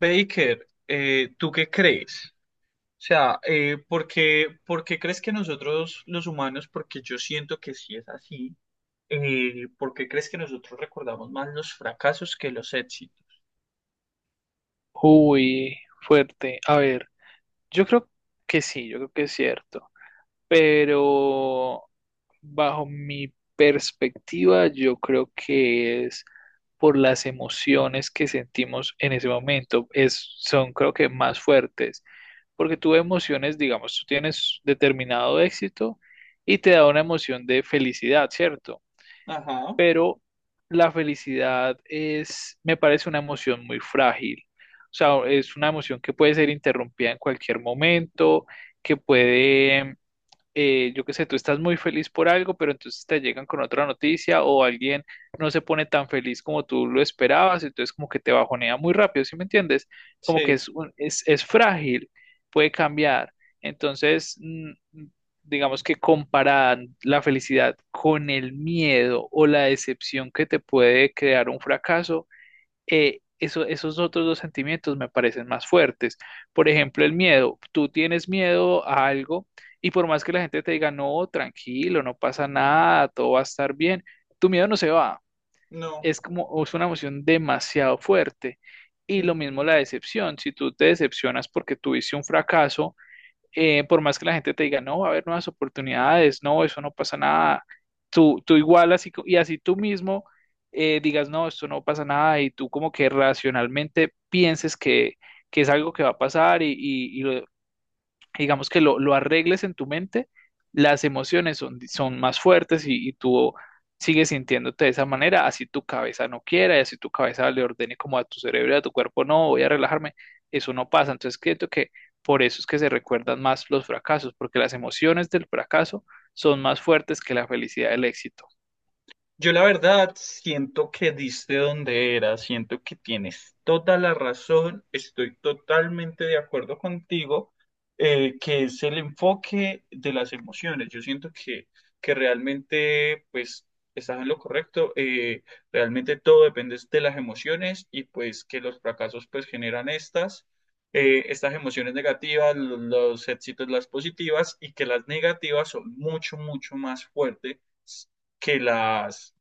Baker, ¿tú qué crees? O sea, ¿por qué crees que nosotros los humanos, porque yo siento que sí es así, ¿por qué crees que nosotros recordamos más los fracasos que los éxitos? Uy, fuerte. A ver, yo creo que sí, yo creo que es cierto. Pero bajo mi perspectiva, yo creo que es por las emociones que sentimos en ese momento. Es, son, creo que, más fuertes. Porque tú emociones, digamos, tú tienes determinado éxito y te da una emoción de felicidad, ¿cierto? Ajá, Pero la felicidad es, me parece una emoción muy frágil. O sea, es una emoción que puede ser interrumpida en cualquier momento, que puede yo qué sé, tú estás muy feliz por algo, pero entonces te llegan con otra noticia o alguien no se pone tan feliz como tú lo esperabas, entonces como que te bajonea muy rápido, ¿sí me entiendes? Como que sí, es, es frágil, puede cambiar. Entonces, digamos que comparar la felicidad con el miedo o la decepción que te puede crear un fracaso esos otros dos sentimientos me parecen más fuertes. Por ejemplo, el miedo. Tú tienes miedo a algo y por más que la gente te diga, no, tranquilo, no pasa nada, todo va a estar bien, tu miedo no se va. no. Es como, es una emoción demasiado fuerte. Y lo Ujú. mismo la decepción. Si tú te decepcionas porque tuviste un fracaso, por más que la gente te diga, no, va a haber nuevas oportunidades, no, eso no pasa nada, tú igual así, y así tú mismo digas, no, esto no pasa nada, y tú como que racionalmente pienses que es algo que va a pasar y, digamos que lo arregles en tu mente, las emociones son, son más fuertes y tú sigues sintiéndote de esa manera, así tu cabeza no quiera y así tu cabeza le ordene como a tu cerebro y a tu cuerpo, no, voy a relajarme, eso no pasa. Entonces, creo que por eso es que se recuerdan más los fracasos, porque las emociones del fracaso son más fuertes que la felicidad del éxito. Yo la verdad siento que diste donde era, siento que tienes toda la razón, estoy totalmente de acuerdo contigo, que es el enfoque de las emociones. Yo siento que realmente pues estás en lo correcto, realmente todo depende de las emociones y pues que los fracasos pues generan estas emociones negativas, los éxitos las positivas y que las negativas son mucho, mucho más fuertes que las.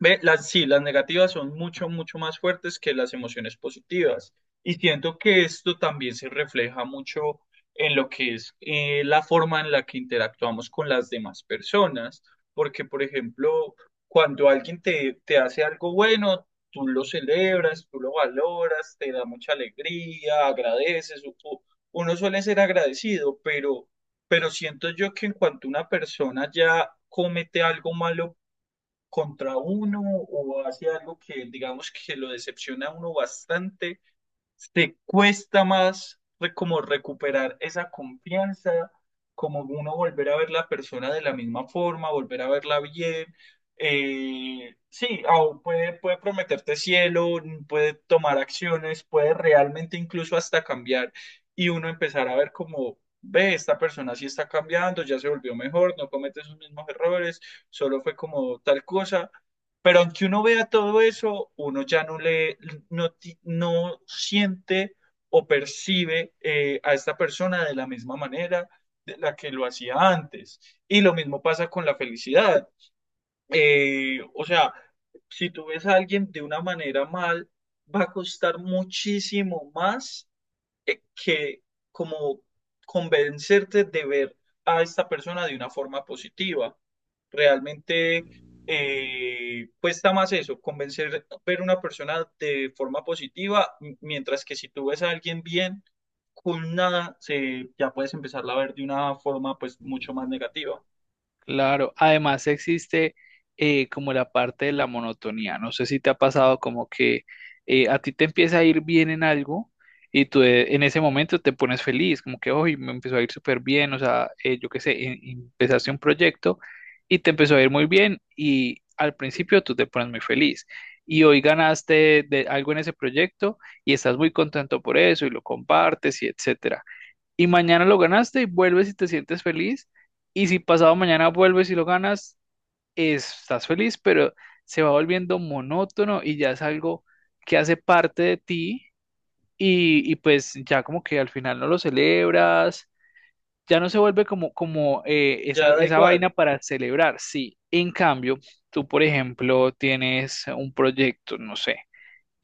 Ve, las, sí, las negativas son mucho, mucho más fuertes que las emociones positivas. Y siento que esto también se refleja mucho en lo que es la forma en la que interactuamos con las demás personas. Porque, por ejemplo, cuando alguien te hace algo bueno, tú lo celebras, tú lo valoras, te da mucha alegría, agradeces. Uno suele ser agradecido, pero siento yo que en cuanto una persona ya comete algo malo, contra uno o hace algo que digamos que lo decepciona a uno bastante, te cuesta más como recuperar esa confianza, como uno volver a ver la persona de la misma forma, volver a verla bien. Sí, puede, puede prometerte cielo, puede tomar acciones, puede realmente incluso hasta cambiar y uno empezar a ver como, ve, esta persona sí está cambiando, ya se volvió mejor, no comete sus mismos errores, solo fue como tal cosa, pero aunque uno vea todo eso, uno ya no le, no, no siente o percibe a esta persona de la misma manera de la que lo hacía antes. Y lo mismo pasa con la felicidad. O sea, si tú ves a alguien de una manera mal, va a costar muchísimo más que como convencerte de ver a esta persona de una forma positiva. Realmente cuesta más eso, convencer ver una persona de forma positiva, mientras que si tú ves a alguien bien, con nada, se, ya puedes empezarla a ver de una forma pues mucho más negativa. Claro, además existe como la parte de la monotonía. No sé si te ha pasado como que a ti te empieza a ir bien en algo y tú en ese momento te pones feliz, como que hoy me empezó a ir súper bien, o sea, yo qué sé, empezaste un proyecto y te empezó a ir muy bien y al principio tú te pones muy feliz y hoy ganaste de algo en ese proyecto y estás muy contento por eso y lo compartes y etcétera y mañana lo ganaste y vuelves y te sientes feliz. Y si pasado mañana vuelves y lo ganas, estás feliz, pero se va volviendo monótono y ya es algo que hace parte de ti y pues ya como que al final no lo celebras, ya no se vuelve como, como esa, Ya da esa igual. vaina para celebrar, sí. En cambio, tú, por ejemplo, tienes un proyecto, no sé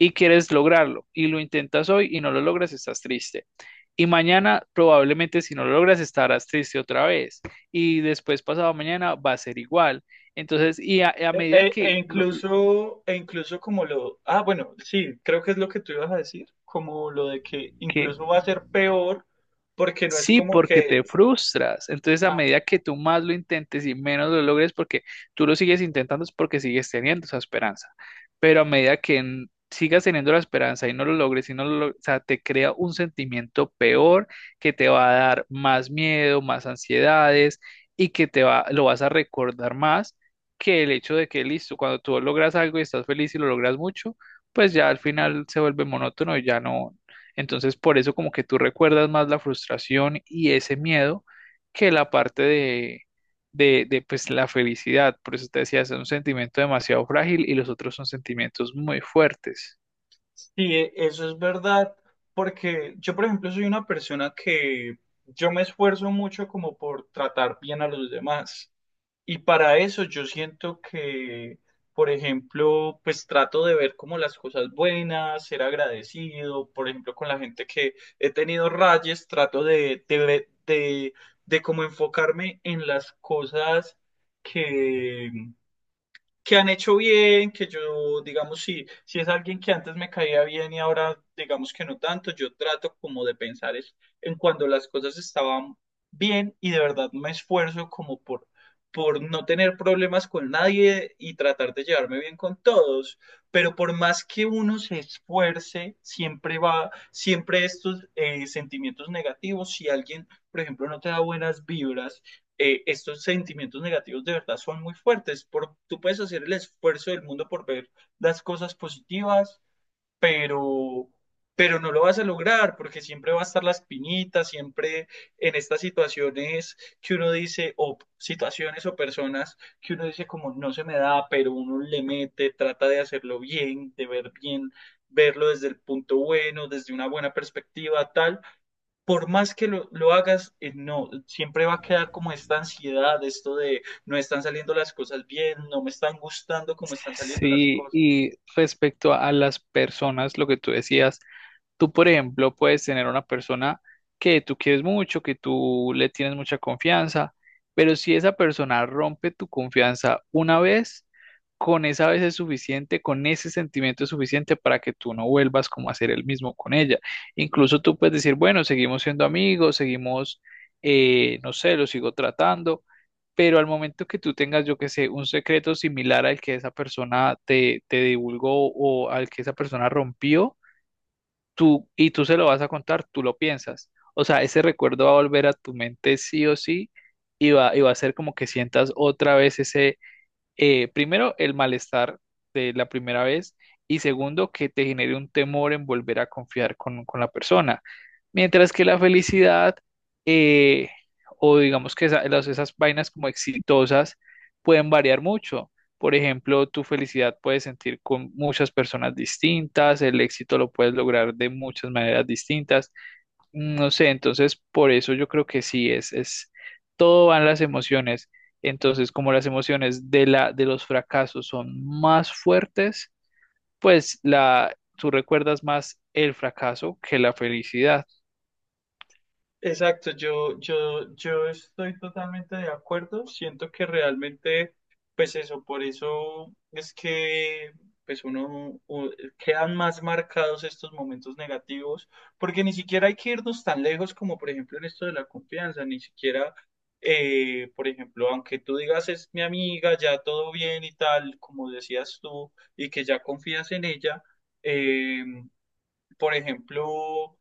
y quieres lograrlo y lo intentas hoy y no lo logras, estás triste. Y mañana probablemente si no lo logras estarás triste otra vez. Y después pasado mañana va a ser igual. Entonces, y a medida que, E incluso como lo, ah, bueno, sí, creo que es lo que tú ibas a decir, como lo de que que incluso va a ser peor, porque no es Sí, como porque que, te frustras. Entonces, a ah, medida que tú más lo intentes y menos lo logres, porque tú lo sigues intentando, es porque sigues teniendo esa esperanza. Pero a medida que sigas teniendo la esperanza y no lo logres, y no lo log- o sea, te crea un sentimiento peor que te va a dar más miedo, más ansiedades y que te va, lo vas a recordar más que el hecho de que, listo, cuando tú logras algo y estás feliz y lo logras mucho, pues ya al final se vuelve monótono y ya no, entonces, por eso como que tú recuerdas más la frustración y ese miedo que la parte de, pues la felicidad. Por eso te decía, es un sentimiento demasiado frágil y los otros son sentimientos muy fuertes. sí, eso es verdad, porque yo, por ejemplo, soy una persona que yo me esfuerzo mucho como por tratar bien a los demás. Y para eso yo siento por ejemplo, pues trato de ver como las cosas buenas, ser agradecido, por ejemplo, con la gente que he tenido rayes, trato de como enfocarme en las cosas que, que han hecho bien, que yo, digamos, si es alguien que antes me caía bien y ahora, digamos que no tanto, yo trato como de pensar es en cuando las cosas estaban bien y de verdad me esfuerzo como por no tener problemas con nadie y tratar de llevarme bien con todos. Pero por más que uno se esfuerce, siempre estos sentimientos negativos, si alguien, por ejemplo, no te da buenas vibras, estos sentimientos negativos de verdad son muy fuertes. Por, tú puedes hacer el esfuerzo del mundo por ver las cosas positivas, pero, pero no lo vas a lograr porque siempre va a estar la espinita, siempre en estas situaciones que uno dice, o situaciones o personas que uno dice como no se me da, pero uno le mete, trata de hacerlo bien, de ver bien, verlo desde el punto bueno, desde una buena perspectiva, tal. Por más que lo hagas, no, siempre va a quedar como esta ansiedad, esto de no están saliendo las cosas bien, no me están gustando cómo están saliendo las Sí, cosas. y respecto a las personas, lo que tú decías, tú, por ejemplo, puedes tener una persona que tú quieres mucho, que tú le tienes mucha confianza, pero si esa persona rompe tu confianza una vez, con esa vez es suficiente, con ese sentimiento es suficiente para que tú no vuelvas como a ser el mismo con ella. Incluso tú puedes decir, bueno, seguimos siendo amigos, seguimos, no sé, lo sigo tratando, pero al momento que tú tengas, yo que sé, un secreto similar al que esa persona te divulgó o al que esa persona rompió, tú se lo vas a contar, tú lo piensas. O sea, ese recuerdo va a volver a tu mente sí o sí y y va a ser como que sientas otra vez ese, primero, el malestar de la primera vez y segundo, que te genere un temor en volver a confiar con la persona. Mientras que la felicidad eh, o digamos que esas vainas como exitosas pueden variar mucho. Por ejemplo, tu felicidad puedes sentir con muchas personas distintas, el éxito lo puedes lograr de muchas maneras distintas. No sé, entonces por eso yo creo que sí, es, todo van las emociones. Entonces, como las emociones de de los fracasos son más fuertes, pues la, tú recuerdas más el fracaso que la felicidad. Exacto, yo estoy totalmente de acuerdo. Siento que realmente, pues eso, por eso es que pues quedan más marcados estos momentos negativos, porque ni siquiera hay que irnos tan lejos como por ejemplo en esto de la confianza, ni siquiera, por ejemplo, aunque tú digas es mi amiga, ya todo bien y tal, como decías tú, y que ya confías en ella, eh, por ejemplo,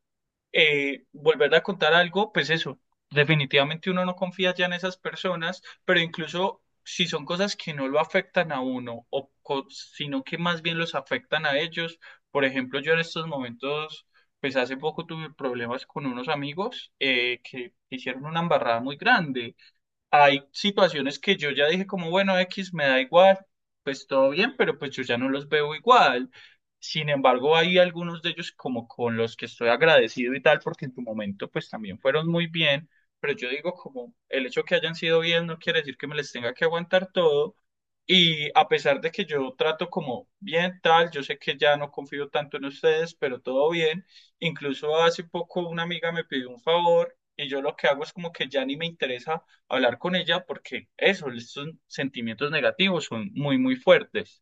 volverle a contar algo, pues eso, definitivamente uno no confía ya en esas personas, pero incluso si son cosas que no lo afectan a uno, o sino que más bien los afectan a ellos. Por ejemplo, yo en estos momentos, pues hace poco tuve problemas con unos amigos que hicieron una embarrada muy grande. Hay situaciones que yo ya dije como, bueno, X me da igual, pues todo bien, pero pues yo ya no los veo igual. Sin embargo, hay algunos de ellos como con los que estoy agradecido y tal, porque en tu momento pues también fueron muy bien, pero yo digo como el hecho que hayan sido bien no quiere decir que me les tenga que aguantar todo. Y a pesar de que yo trato como bien tal, yo sé que ya no confío tanto en ustedes, pero todo bien. Incluso hace poco una amiga me pidió un favor y yo lo que hago es como que ya ni me interesa hablar con ella porque eso, estos sentimientos negativos son muy, muy fuertes.